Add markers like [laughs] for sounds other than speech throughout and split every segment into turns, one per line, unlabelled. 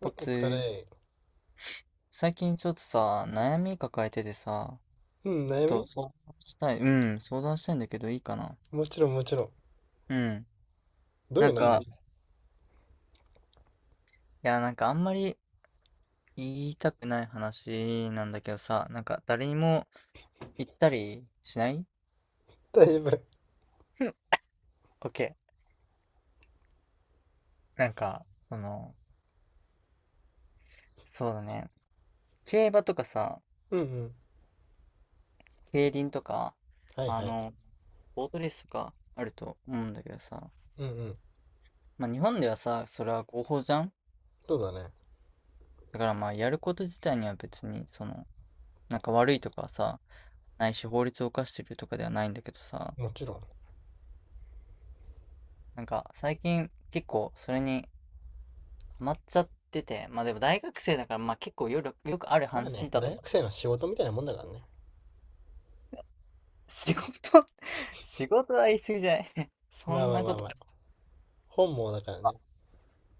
うん、
お
お
つ
疲
ー、
れ。
最近ちょっとさ、悩み抱えててさ、
うん、
ち
悩
ょっと
み。
したい、う相談したいんだけどいいかな？
もちろんもちろん。
うん。
どうい
な
う
ん
悩
か、
み？
いや、なんかあんまり言いたくない話なんだけどさ、なんか誰にも言ったりしない？
[laughs] 大丈夫。
OK。なんか、その、そうだね。競馬とかさ、
うんうん。
競輪とか、
はい
あ
はい。
の、ボートレースとかあると思うんだけどさ、
うんうん。
まあ日本ではさ、それは合法じゃん。
そうだね。
だからまあやること自体には別にそのなんか悪いとかさ、ないし法律を犯してるとかではないんだけどさ、
もちろん。
なんか最近結構それにハマっちゃってて、まあでも大学生だからまあ結構よくある
まあね、
話だと
大
思う。
学生の仕事みたいなもんだからね。
仕事。 [laughs] 仕事は言い過ぎじゃない？ [laughs] そ
まあ
ん
まあ
な
ま
こ
あま
と。
あ。本望だからね。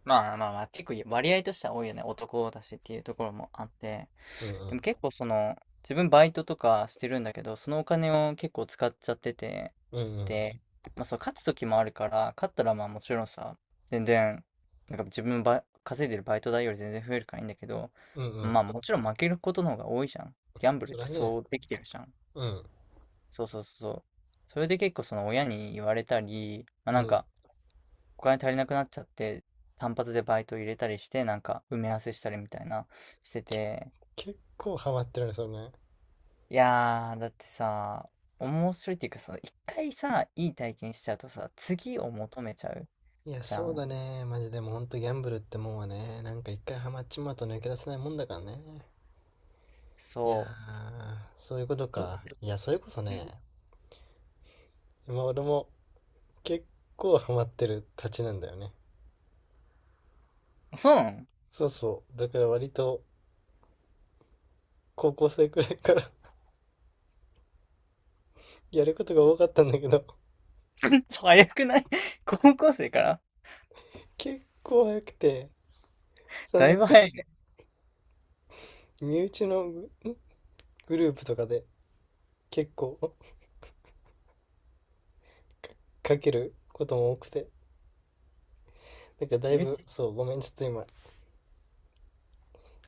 まあまあまあ、結構割合としては多いよね。男だしっていうところもあって。
うんう
で
ん。
も結構その、自分バイトとかしてるんだけど、そのお金を結構使っちゃってて、
うんうん。
で、まあそう、勝つ時もあるから、勝ったらまあもちろんさ、全然、なんか自分ば稼いでるバイト代より全然増えるからいいんだけど、
うんうん。
まあもちろん負けることの方が多いじゃん。ギャンブル
そ
って
らね。
そうできてるじゃん。
うん
そうそうそうそう。それで結構その親に言われたり、まあ
う
なん
ん。
か、お金足りなくなっちゃって、単発でバイト入れたりして、なんか埋め合わせしたりみたいなして
け、
て、
結構ハマってるね、それね。
いやー、だってさ、面白いっていうかさ、一回さ、いい体験しちゃうとさ、次を求めちゃう
いや、
じゃ
そう
ん。
だね。マジでもうほんとギャンブルってもんはね、なんか一回ハマっちまうと抜け出せないもんだからね。いや
そ
ー、そういうこと
う。ど
か。いや、それこそね、
う、
今俺も結構ハマってるたちなんだよね。
そうなの？
そうそう。だから割と高校生くらいから [laughs] やることが多かったんだけど、
[laughs] 早くない？ [laughs] 高校生から？
結構早くて、その
だ
な
い
ん
ぶ
か
早いね。
身内のグループとかで結構 [laughs] かけることも多くて、なんかだ
身
い
内。
ぶ、そう、ごめん、ちょっと今、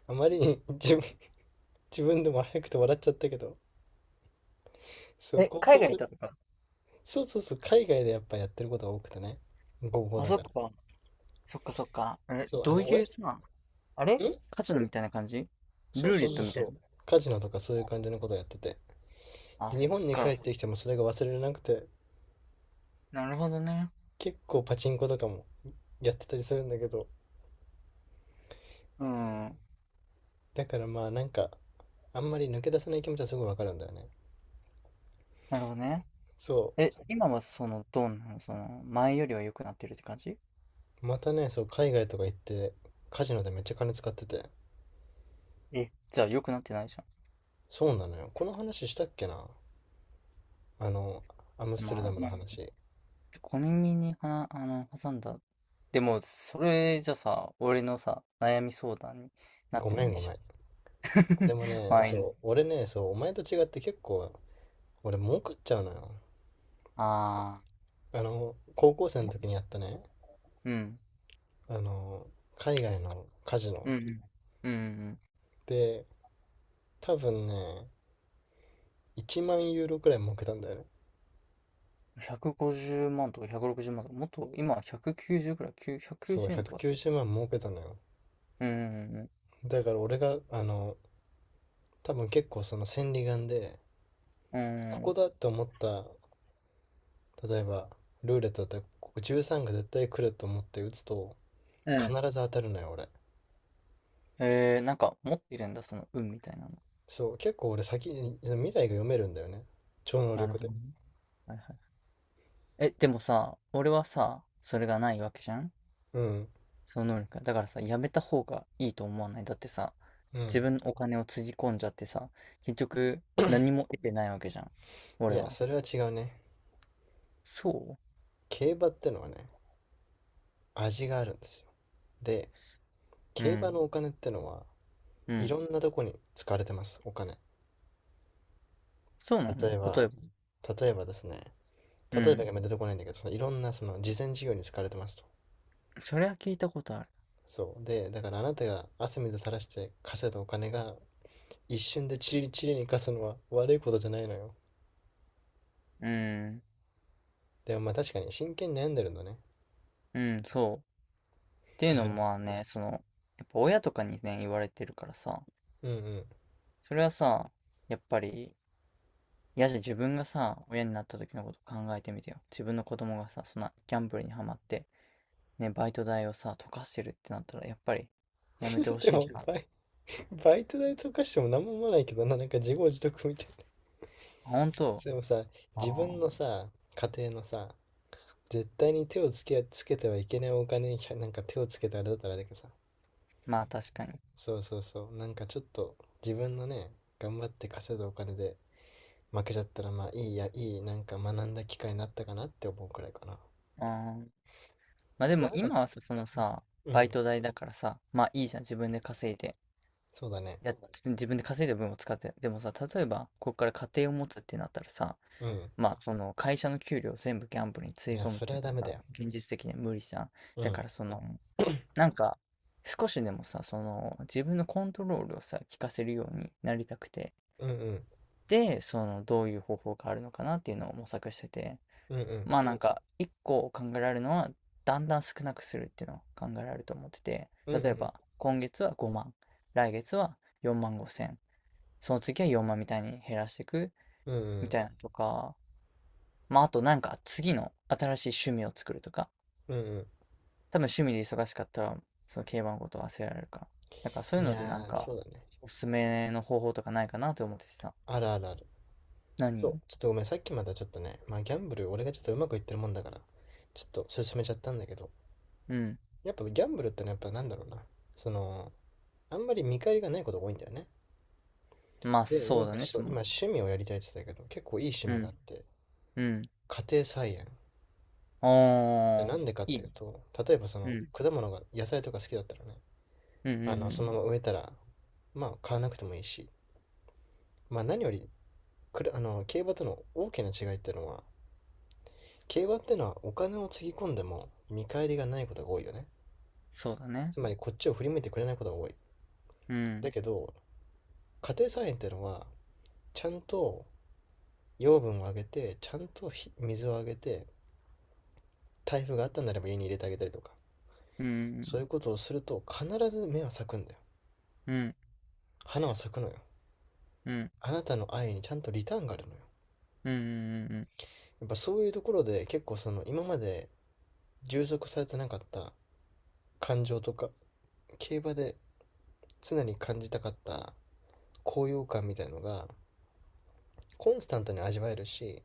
あまりに [laughs] 自分でも早くて笑っちゃったけど、そう、
え、海外行ったとか？
そうそうそう、海外でやっぱやってることが多くてね、高校
あ、
だ
そっ
から。
か。そっかそっか。え、
そう、あ
どう
の、お
いう
え、
さ、あれ、
ん
カジノみたいな感じ？
そう
ルーレ
そう
ッ
そ
ト
う
みたい
そ
な。
う、カジノとかそういう感じのことやってて。
あ、
で、日
そっ
本に帰っ
か。
てきてもそれが忘れなくて、
なるほどね。
結構パチンコとかもやってたりするんだけど、
うん。
だからまあなんか、あんまり抜け出せない気持ちはすごいわかるんだよね。
なるほどね。
そ
え、今はその、どうなのその、前よりは良くなってるって感じ？
う。またね、そう、海外とか行って、カジノでめっちゃ金使ってて。
え、じゃあ良くなってないじゃ
そうなのよ。この話したっけな、あの、アム
ん。
ステル
まあ、
ダムの
まあちょっ
話。
と小耳にはな、あの、挟んだ。でも、それじゃさ、俺のさ、悩み相談になっ
ご
て
め
な
ん
い
ご
じ
め
ゃん。
ん。で
[laughs]
も
ま
ね、
あいいの。
そう、俺ね、そう、お前と違って結構、俺儲かっちゃうのよ。
ああ、
あの、高校生の時にやったね、
うん。
あの、海外のカジノ。
うん。うん。
で、多分ね、1万ユーロくらい儲けたんだよね。
うん。150万とか160万とか、もっと、今190くきゅうじゅうくらい、9 190
そう、
円とかだ。
190万儲けたのよ。
うん。
だから俺が、あの、多分結構その千里眼で、
うん。
こ
う
こ
ん。
だって思った、例えば、ルーレットだったら、ここ13が絶対来ると思って打つと、必
う
ず当たるのよ、俺。
んなんか持ってるんだ、その運みたいなの。
そう、結構俺先に、未来が読めるんだよね。超能
なる
力
ほ
で。
どね。はいはい。え、でもさ、俺はさ、それがないわけじゃん。
うん、
その能力が。だからさ、やめた方がいいと思わない？だってさ、
う
自
ん。
分のお金をつぎ込んじゃってさ、結局何も得てないわけじゃん。
い
俺
や、
は。
それは違うね。
そ
競馬ってのはね、味があるんですよ。で、
う、う
競馬の
ん。
お金ってのは、
う
い
ん。
ろんなとこに使われてます、お金。
そうなの？
例え
例
ば、
えば？
例えばですね、
う
例えばが
ん。
あんまり出てこないんだけど、そのいろんなその慈善事業に使われてますと。
それは聞いたことある。
そう。で、だからあなたが汗水垂らして稼いだお金が一瞬でチリチリに貸すのは悪いことじゃないのよ。
うん。
でもまあ確かに真剣に悩んでるんだね。
うん、そう。っていうの
なるほ
もまあね、その、やっぱ親とかにね、言われてるからさ、
ど。うんうん。
それはさ、やっぱり、自分がさ、親になった時のこと考えてみてよ。自分の子供がさ、そんなギャンブルにはまって、ね、バイト代をさ、溶かしてるってなったら、やっぱりやめてほ
[laughs] で
しい
も
じゃん。あ、
バイト代とかしても何も思わないけどな、なんか自業自得みたいな。
本
でもさ、自
当？あ
分
あ。
のさ、家庭のさ、絶対に手をつけ、つけてはいけないお金になんか手をつけてあれだったらあれだけどさ、
まあ確かに。
そうそうそう、なんかちょっと自分のね、頑張って稼いだお金で負けちゃったら、まあいいや、なんか学んだ機会になったかなって思うくらいかな。
あー、まあで
ま
も
あなんか、
今はさ、そのさ、
う
バイ
ん、
ト代だからさ、まあいいじゃん。自分で稼いで。
そうだね。
やっ、自分で稼いだ分を使って。でもさ、例えば、ここから家庭を持つってなったらさ、
うん。
まあその会社の給料を全部ギャンブルにつ
い
ぎ
や、
込むっ
それ
てい
は
うの
ダ
は
メだ
さ、
よ。
現実的には無理じゃん。
う
だか
ん。
らその、
[coughs]
なんか、少しでもさ、その、自分のコントロールをさ、効かせるようになりたくて、
うん、うん、
で、その、どういう方法があるのかなっていうのを模索してて、
うん、うん、
まあなんか、一個考えられるのは、だんだん少なくするっていうのを考えられると思ってて、
う
例え
ん、
ば、今月は5万、来月は4万5千、その次は4万みたいに減らしていく
うん、う
み
ん、
たいなとか、まああとなんか次の新しい趣味を作るとか、
うん、うん、うん。
多分趣味で忙しかったら、その競馬のこと忘れられるから。だからそうい
い
うのでなん
やー、そ
か、
うだね。
おすすめの方法とかないかなって思っててさ。
あるあるある。そう、
何？
ちょっとごめん、さっきまだちょっとね、まあギャンブル俺がちょっとうまくいってるもんだから、ちょっと進めちゃったんだけど、
うん。
やっぱギャンブルってのは、やっぱなんだろうな、そのあんまり見返りがないことが多いんだよね。
まあ
で、な
そ
ん
うだ
か
ね、
そ
そ
う、
の、
今趣味をやりたいって言ってたけど、結構いい趣
う
味があ
ん、
って、
うん。
家庭菜園。
お
で、
ー、
なんでかっ
いい
てい
ね。
うと、例えばそ
う
の
ん、
果物が、野菜とか好きだったらね、
うん、うん、
あの、
う
そのま
ん。
ま植えたら、まあ買わなくてもいいし、まあ何より、くるあの、競馬との大きな違いっていうのは、競馬っていうのはお金をつぎ込んでも見返りがないことが多いよね。
そうだね。
つまりこっちを振り向いてくれないことが多い。
う
だ
ん、
けど、家庭菜園っていうのは、ちゃんと養分をあげて、ちゃんと水をあげて、台風があったんならば家に入れてあげたりとか、
うん、
そういうことをすると必ず芽は咲くんだよ。
うん、
花は咲くのよ。
うん、うん、
あなたの愛にちゃんとリターンがあるのよ。
うん、
やっぱそういうところで結構その今まで充足されてなかった感情とか、競馬で常に感じたかった高揚感みたいのがコンスタントに味わえるし、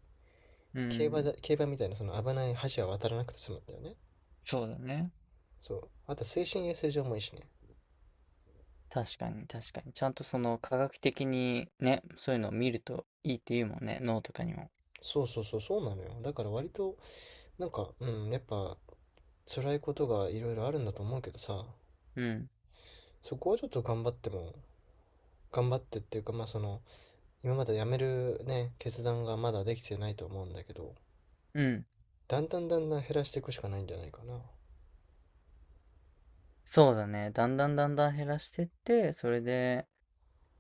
うん、う
競馬
ん。
だ競馬みたいなその危ない橋は渡らなくて済むんだよね。
そうだね。
そう。あと精神衛生上もいいしね。
確かに、確かに。ちゃんとその科学的にね、そういうのを見るといいっていうもんね、脳とかにも。
そうそうそう、そうなのよ。だから割と、なんか、うん、やっぱ辛いことがいろいろあるんだと思うけどさ、
うん、
そこはちょっと頑張っても、頑張ってっていうか、まあその、今まで辞めるね、決断がまだできてないと思うんだけど、
うん。
だんだんだんだん減らしていくしかないんじゃないかな。
そうだね。だんだんだんだん減らしてって、それで、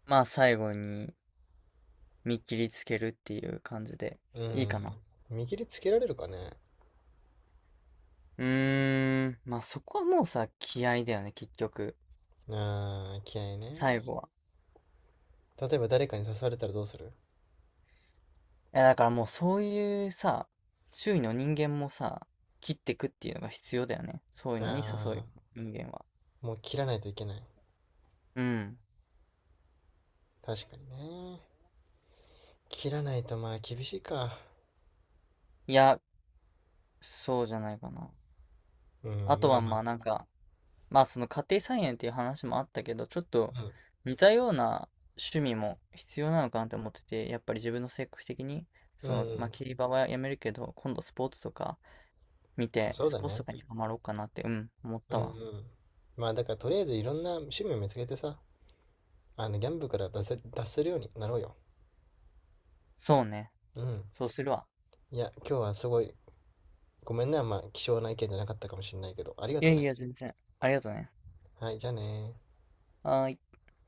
まあ最後に見切りつけるっていう感じで
う
いい
ん。
かな。
見切りつけられるかね。
うーん、まあそこはもうさ、気合だよね、結局。
あー気合い
最
ね。
後は。
例えば誰かに刺されたらどうする？
いやだからもうそういうさ、周囲の人間もさ、切ってくっていうのが必要だよね。そういうのに誘う
あ
人間は。
あ、もう切らないといけない。
うん。
確かにね。切らないとまあ厳しいか。
いや、そうじゃないかな。
う
あ
ん、
と
ま
は
あまあ。
まあなんか、まあその家庭菜園っていう話もあったけど、ちょっと似たような趣味も必要なのかなって思ってて、やっぱり自分の性格的に、
うん、
そ
うん、
の、まあ
う
競馬はやめるけど、今度スポーツとか見
ん。
て、
そう
ス
だ
ポーツと
ね。
かにハマろうかなって、うん、思っ
うん、
た
うん。
わ。
まあだからとりあえずいろんな趣味を見つけてさ、あの、ギャンブルから出せるようになろうよ。
そうね。
うん。
そうするわ。
いや、今日はすごい、ごめんね、あんま、貴重な意見じゃなかったかもしれないけど、ありが
い
と
やい
ね。
や、全然。ありがとね。
はい、じゃあねー
はーい。